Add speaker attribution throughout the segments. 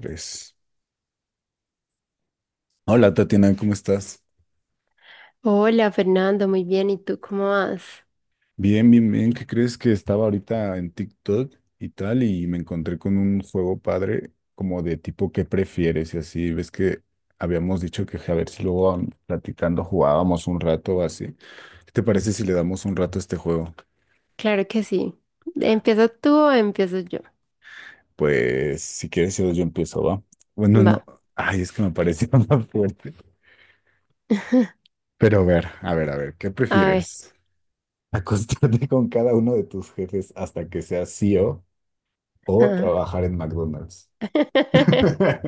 Speaker 1: Tres. Hola Tatiana, ¿cómo estás?
Speaker 2: Hola Fernando, muy bien. ¿Y tú cómo vas?
Speaker 1: Bien, bien, bien. ¿Qué crees que estaba ahorita en TikTok y tal? Y me encontré con un juego padre como de tipo ¿qué prefieres? Y así, ves que habíamos dicho que a ver si luego platicando jugábamos un rato o así. ¿Qué te parece si le damos un rato a este juego?
Speaker 2: Claro que sí. ¿Empiezas tú o empiezo yo?
Speaker 1: Pues si quieres yo empiezo, ¿va? Bueno, no.
Speaker 2: Va.
Speaker 1: Ay, es que me pareció más fuerte. Pero a ver, a ver, a ver, ¿qué
Speaker 2: A ver.
Speaker 1: prefieres? ¿Acostarte con cada uno de tus jefes hasta que seas C E o
Speaker 2: Ajá.
Speaker 1: trabajar en McDonald's.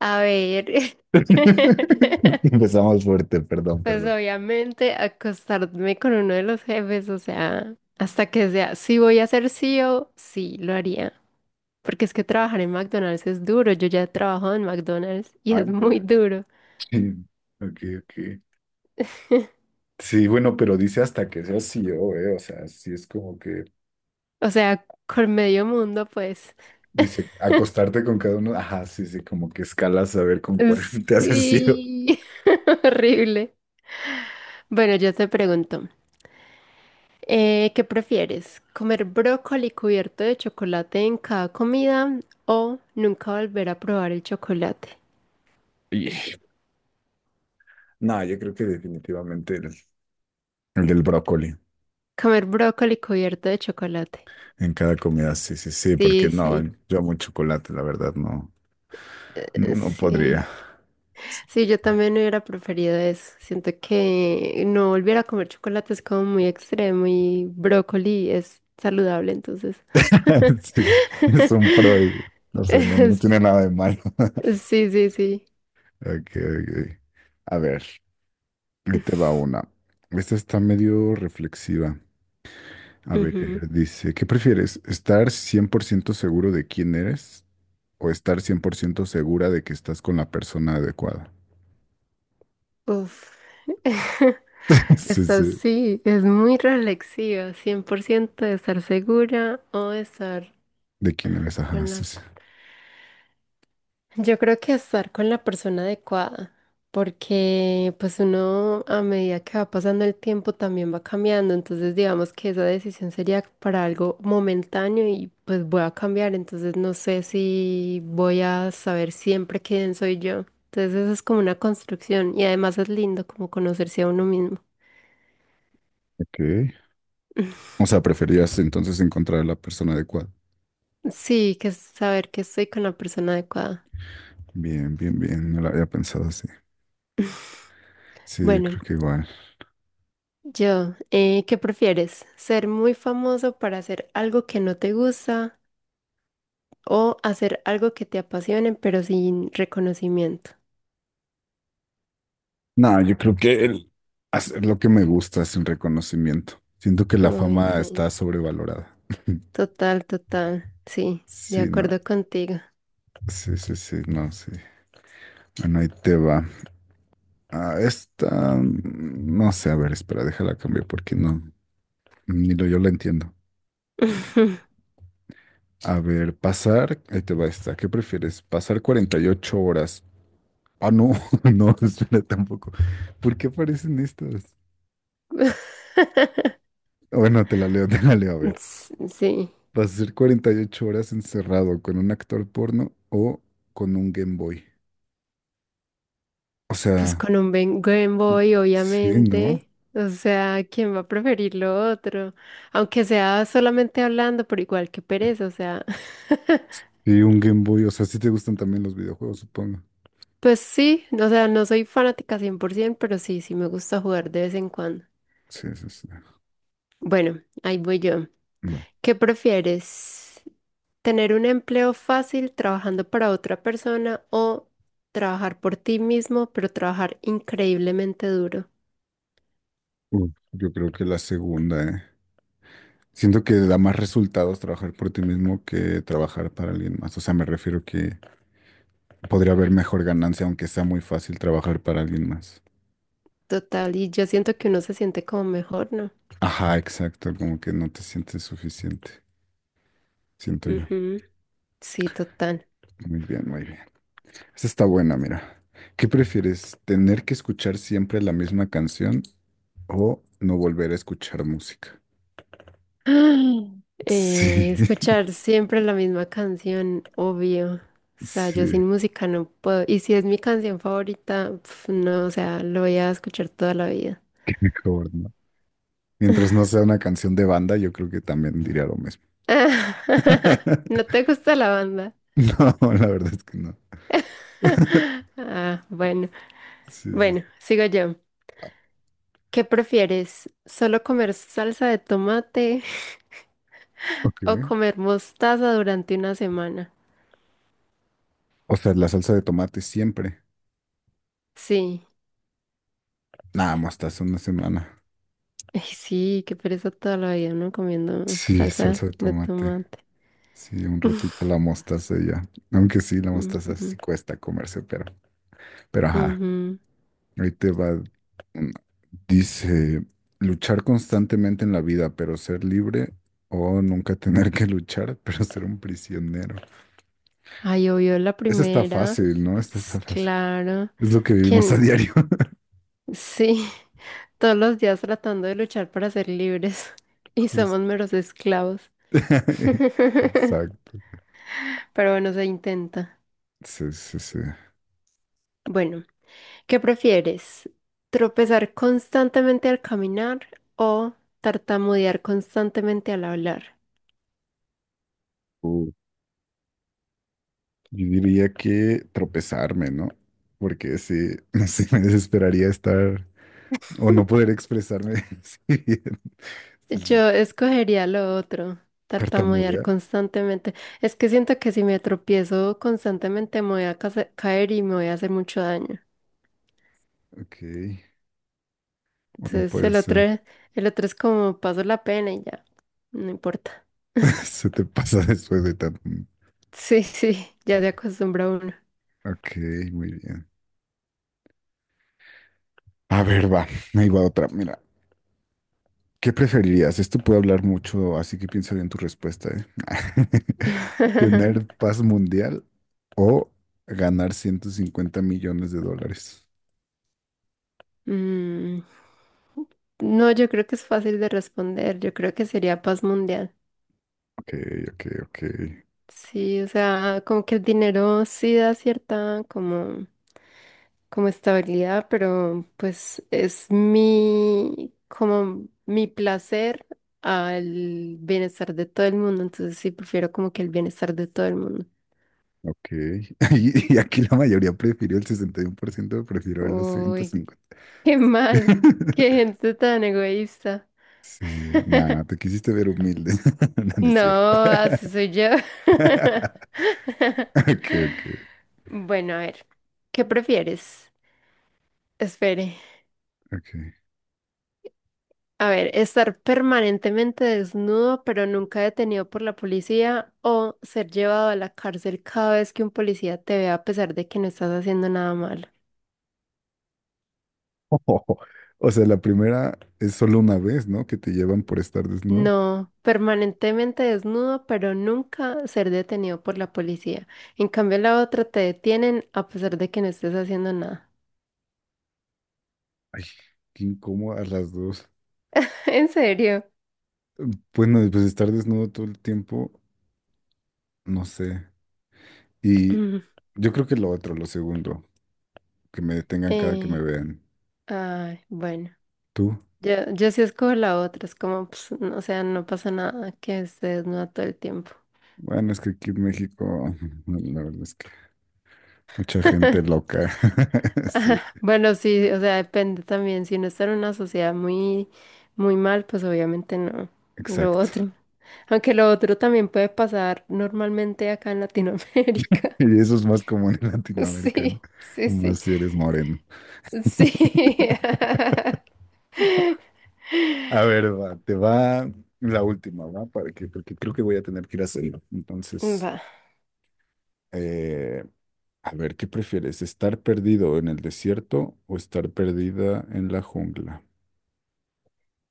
Speaker 2: A ver.
Speaker 1: Empezamos fuerte, perdón,
Speaker 2: Pues
Speaker 1: perdón.
Speaker 2: obviamente acostarme con uno de los jefes, o sea, hasta que sea, si voy a ser CEO, sí, lo haría. Porque es que trabajar en McDonald's es duro. Yo ya he trabajado en McDonald's y
Speaker 1: Ah,
Speaker 2: es
Speaker 1: ¿en
Speaker 2: muy
Speaker 1: serio?
Speaker 2: duro.
Speaker 1: Sí, ok, ok. Sí, bueno, pero dice hasta que sea CEO, ¿eh? O sea, sí es como que
Speaker 2: O sea, con medio mundo, pues.
Speaker 1: dice acostarte con cada uno. Ajá, sí, sí, como que escalas a ver con cuál te haces CEO.
Speaker 2: Sí, horrible. Bueno, yo te pregunto, ¿qué prefieres? ¿Comer brócoli cubierto de chocolate en cada comida o nunca volver a probar el chocolate?
Speaker 1: Y, no, yo creo que definitivamente el del brócoli
Speaker 2: Comer brócoli cubierto de chocolate.
Speaker 1: en cada comida, sí, sí, sí, porque
Speaker 2: Sí,
Speaker 1: no,
Speaker 2: sí,
Speaker 1: yo amo el chocolate, la verdad, no, no
Speaker 2: sí.
Speaker 1: podría.
Speaker 2: Sí, yo también hubiera preferido eso. Siento que no volver a comer chocolate es como muy extremo y brócoli es saludable, entonces.
Speaker 1: Sí, es un pro, o sea, no, no tiene nada de malo.
Speaker 2: Sí, sí, sí.
Speaker 1: Ok, ok. A ver, ahí te va una. Esta está medio reflexiva. A ver,
Speaker 2: Ujú.
Speaker 1: dice, ¿qué prefieres? ¿Estar 100% seguro de quién eres o estar 100% segura de que estás con la persona adecuada?
Speaker 2: Uf.
Speaker 1: Sí,
Speaker 2: Esta
Speaker 1: sí.
Speaker 2: sí, es muy reflexiva, 100% de estar segura o de estar
Speaker 1: ¿De quién eres? Ajá,
Speaker 2: con
Speaker 1: sí,
Speaker 2: la.
Speaker 1: sí.
Speaker 2: Yo creo que estar con la persona adecuada, porque pues uno a medida que va pasando el tiempo también va cambiando, entonces digamos que esa decisión sería para algo momentáneo y pues voy a cambiar, entonces no sé si voy a saber siempre quién soy yo. Entonces eso es como una construcción y además es lindo como conocerse a uno mismo.
Speaker 1: Ok. O sea, preferías entonces encontrar a la persona adecuada.
Speaker 2: Sí, que es saber que estoy con la persona adecuada.
Speaker 1: Bien, bien, bien. No la había pensado así. Sí, yo
Speaker 2: Bueno,
Speaker 1: creo que igual.
Speaker 2: yo, ¿qué prefieres? ¿Ser muy famoso para hacer algo que no te gusta o hacer algo que te apasione, pero sin reconocimiento?
Speaker 1: No, yo creo que el hacer lo que me gusta es el reconocimiento. Siento que la
Speaker 2: Ay,
Speaker 1: fama está
Speaker 2: sí.
Speaker 1: sobrevalorada.
Speaker 2: Total, total. Sí, de
Speaker 1: Sí, no,
Speaker 2: acuerdo contigo.
Speaker 1: sí, sí, sí, no, sí. Bueno, ahí te va. Ah, esta, no sé, a ver, espera, déjala cambiar porque no, ni lo yo la entiendo. A ver, ahí te va esta. ¿Qué prefieres? ¿Pasar 48 horas? Ah, no, no, espera, tampoco. ¿Por qué aparecen estas? Bueno, te la leo, a ver.
Speaker 2: Sí,
Speaker 1: ¿Vas a ser 48 horas encerrado con un actor porno o con un Game Boy? O
Speaker 2: pues
Speaker 1: sea,
Speaker 2: con un Game Boy,
Speaker 1: sí, ¿no?
Speaker 2: obviamente. O sea, ¿quién va a preferir lo otro? Aunque sea solamente hablando, pero igual que pereza, o sea.
Speaker 1: Y un Game Boy, o sea, sí te gustan también los videojuegos, supongo.
Speaker 2: Pues sí, o sea, no soy fanática 100%, pero sí, sí me gusta jugar de vez en cuando.
Speaker 1: Sí, sí, sí.
Speaker 2: Bueno, ahí voy yo.
Speaker 1: Va.
Speaker 2: ¿Qué prefieres? ¿Tener un empleo fácil trabajando para otra persona o trabajar por ti mismo, pero trabajar increíblemente duro?
Speaker 1: Uf, yo creo que la segunda, ¿eh? Siento que da más resultados trabajar por ti mismo que trabajar para alguien más. O sea, me refiero que podría haber mejor ganancia, aunque sea muy fácil trabajar para alguien más.
Speaker 2: Total, y yo siento que uno se siente como mejor, ¿no?
Speaker 1: Ajá, exacto, como que no te sientes suficiente, siento yo.
Speaker 2: Ujú, sí, total.
Speaker 1: Muy bien, muy bien. Esa está buena, mira. ¿Qué prefieres? ¿Tener que escuchar siempre la misma canción o no volver a escuchar música? Sí,
Speaker 2: Escuchar siempre la misma canción, obvio. O sea, yo sin
Speaker 1: sí,
Speaker 2: música no puedo. Y si es mi canción favorita, pf, no, o sea, lo voy a escuchar toda la vida.
Speaker 1: qué mejor, ¿no? Mientras no sea una canción de banda, yo creo que también diría lo mismo.
Speaker 2: ¿No te gusta la banda?
Speaker 1: No, la verdad es que no.
Speaker 2: Ah, bueno.
Speaker 1: Sí, sí.
Speaker 2: Bueno,
Speaker 1: sí.
Speaker 2: sigo yo. ¿Qué prefieres? ¿Solo comer salsa de tomate
Speaker 1: Ok.
Speaker 2: o comer mostaza durante una semana?
Speaker 1: O sea, la salsa de tomate siempre.
Speaker 2: Sí.
Speaker 1: Nada, mostaza una semana.
Speaker 2: Ay, sí, qué pereza toda la vida, ¿no? Comiendo
Speaker 1: Sí,
Speaker 2: salsa
Speaker 1: salsa de
Speaker 2: de
Speaker 1: tomate.
Speaker 2: tomate.
Speaker 1: Sí, un ratito la mostaza y ya. Aunque sí, la mostaza
Speaker 2: Ujú,
Speaker 1: sí cuesta comerse, pero ajá.
Speaker 2: ujú.
Speaker 1: Ahí te va. Dice, luchar constantemente en la vida, pero ser libre o nunca tener que luchar, pero ser un prisionero.
Speaker 2: Ay, obvio, la
Speaker 1: Eso está
Speaker 2: primera.
Speaker 1: fácil, ¿no? Esta está fácil.
Speaker 2: Claro.
Speaker 1: Es lo que vivimos
Speaker 2: ¿Quién?
Speaker 1: a diario.
Speaker 2: Sí. Todos los días tratando de luchar para ser libres. Y somos
Speaker 1: Justo.
Speaker 2: meros esclavos.
Speaker 1: Exacto.
Speaker 2: Pero bueno, se intenta.
Speaker 1: Sí, sí, sí.
Speaker 2: Bueno. ¿Qué prefieres? ¿Tropezar constantemente al caminar o tartamudear constantemente al hablar?
Speaker 1: Uh, yo diría que tropezarme, ¿no? Porque sí, no sé, me desesperaría estar o no poder expresarme así bien. Sí, sí.
Speaker 2: Yo escogería lo otro, tartamudear
Speaker 1: Tartamudear.
Speaker 2: constantemente. Es que siento que si me tropiezo constantemente me voy a caer y me voy a hacer mucho daño.
Speaker 1: Ok. O no
Speaker 2: Entonces
Speaker 1: puede ser.
Speaker 2: el otro es como paso la pena y ya, no importa.
Speaker 1: Se te pasa después de tanto.
Speaker 2: Sí, sí, ya se acostumbra uno.
Speaker 1: Ok, muy bien. A ver, va, ahí va otra. Mira, ¿qué preferirías? Esto puede hablar mucho, así que piensa bien tu respuesta, ¿eh? ¿Tener paz mundial o ganar 150 millones de dólares?
Speaker 2: Mm, no, yo creo que es fácil de responder. Yo creo que sería paz mundial.
Speaker 1: Ok, ok, ok,
Speaker 2: Sí, o sea, como que el dinero sí da cierta como estabilidad, pero pues es como mi placer al bienestar de todo el mundo. Entonces sí, prefiero como que el bienestar de todo el mundo.
Speaker 1: ok. Y aquí la mayoría prefirió, el 61% prefirió los ciento
Speaker 2: Uy,
Speaker 1: cincuenta.
Speaker 2: qué mal, qué gente tan egoísta.
Speaker 1: Sí, nada, te quisiste ver humilde. No, no es cierto.
Speaker 2: No, así soy yo.
Speaker 1: Ok, ok,
Speaker 2: Bueno, a ver, ¿qué prefieres? Espere.
Speaker 1: ok.
Speaker 2: A ver, ¿estar permanentemente desnudo pero nunca detenido por la policía o ser llevado a la cárcel cada vez que un policía te vea a pesar de que no estás haciendo nada malo?
Speaker 1: O sea, la primera es solo una vez, ¿no? Que te llevan por estar desnudo.
Speaker 2: No, permanentemente desnudo pero nunca ser detenido por la policía. En cambio, la otra te detienen a pesar de que no estés haciendo nada.
Speaker 1: Ay, qué incómodo a las dos.
Speaker 2: ¿En serio?
Speaker 1: Bueno, pues estar desnudo todo el tiempo, no sé. Y
Speaker 2: Mm.
Speaker 1: yo creo que lo otro, lo segundo, que me detengan cada que me
Speaker 2: Eh,
Speaker 1: vean.
Speaker 2: Ay, bueno,
Speaker 1: ¿Tú?
Speaker 2: yo sí escojo la otra, es como, pues, o sea, no pasa nada que esté desnuda todo el tiempo.
Speaker 1: Bueno, es que aquí en México, la verdad es que mucha gente loca. Sí,
Speaker 2: Ajá, bueno, sí, o sea, depende también. Si uno está en una sociedad muy mal, pues obviamente no. Lo
Speaker 1: exacto.
Speaker 2: otro. Aunque lo otro también puede pasar normalmente acá en Latinoamérica.
Speaker 1: Y eso es más común en Latinoamérica, ¿no?
Speaker 2: Sí, sí, sí.
Speaker 1: Más si eres moreno.
Speaker 2: Sí.
Speaker 1: A ver, va, te va la última, ¿va? Porque creo que voy a tener que ir a hacerlo. Entonces,
Speaker 2: Va.
Speaker 1: eh, a ver, ¿qué prefieres? ¿Estar perdido en el desierto o estar perdida en la jungla?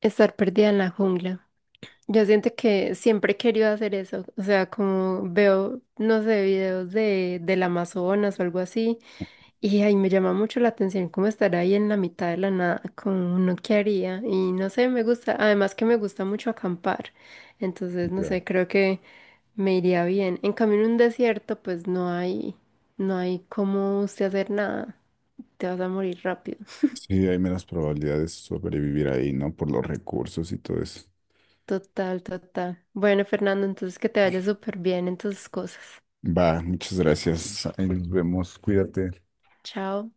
Speaker 2: Estar perdida en la jungla. Yo siento que siempre he querido hacer eso, o sea, como veo, no sé, videos del Amazonas o algo así, y ahí me llama mucho la atención cómo estar ahí en la mitad de la nada, como uno que haría, y no sé, me gusta, además que me gusta mucho acampar, entonces, no
Speaker 1: Ya.
Speaker 2: sé, creo que me iría bien. En cambio, en un desierto, pues no hay, no hay cómo usted hacer nada, te vas a morir rápido,
Speaker 1: Sí, hay menos probabilidades de sobrevivir ahí, ¿no? Por los recursos y todo eso.
Speaker 2: total, total. Bueno, Fernando, entonces que te vaya súper bien en tus cosas.
Speaker 1: Va, muchas gracias. Ahí nos vemos. Cuídate.
Speaker 2: Chao.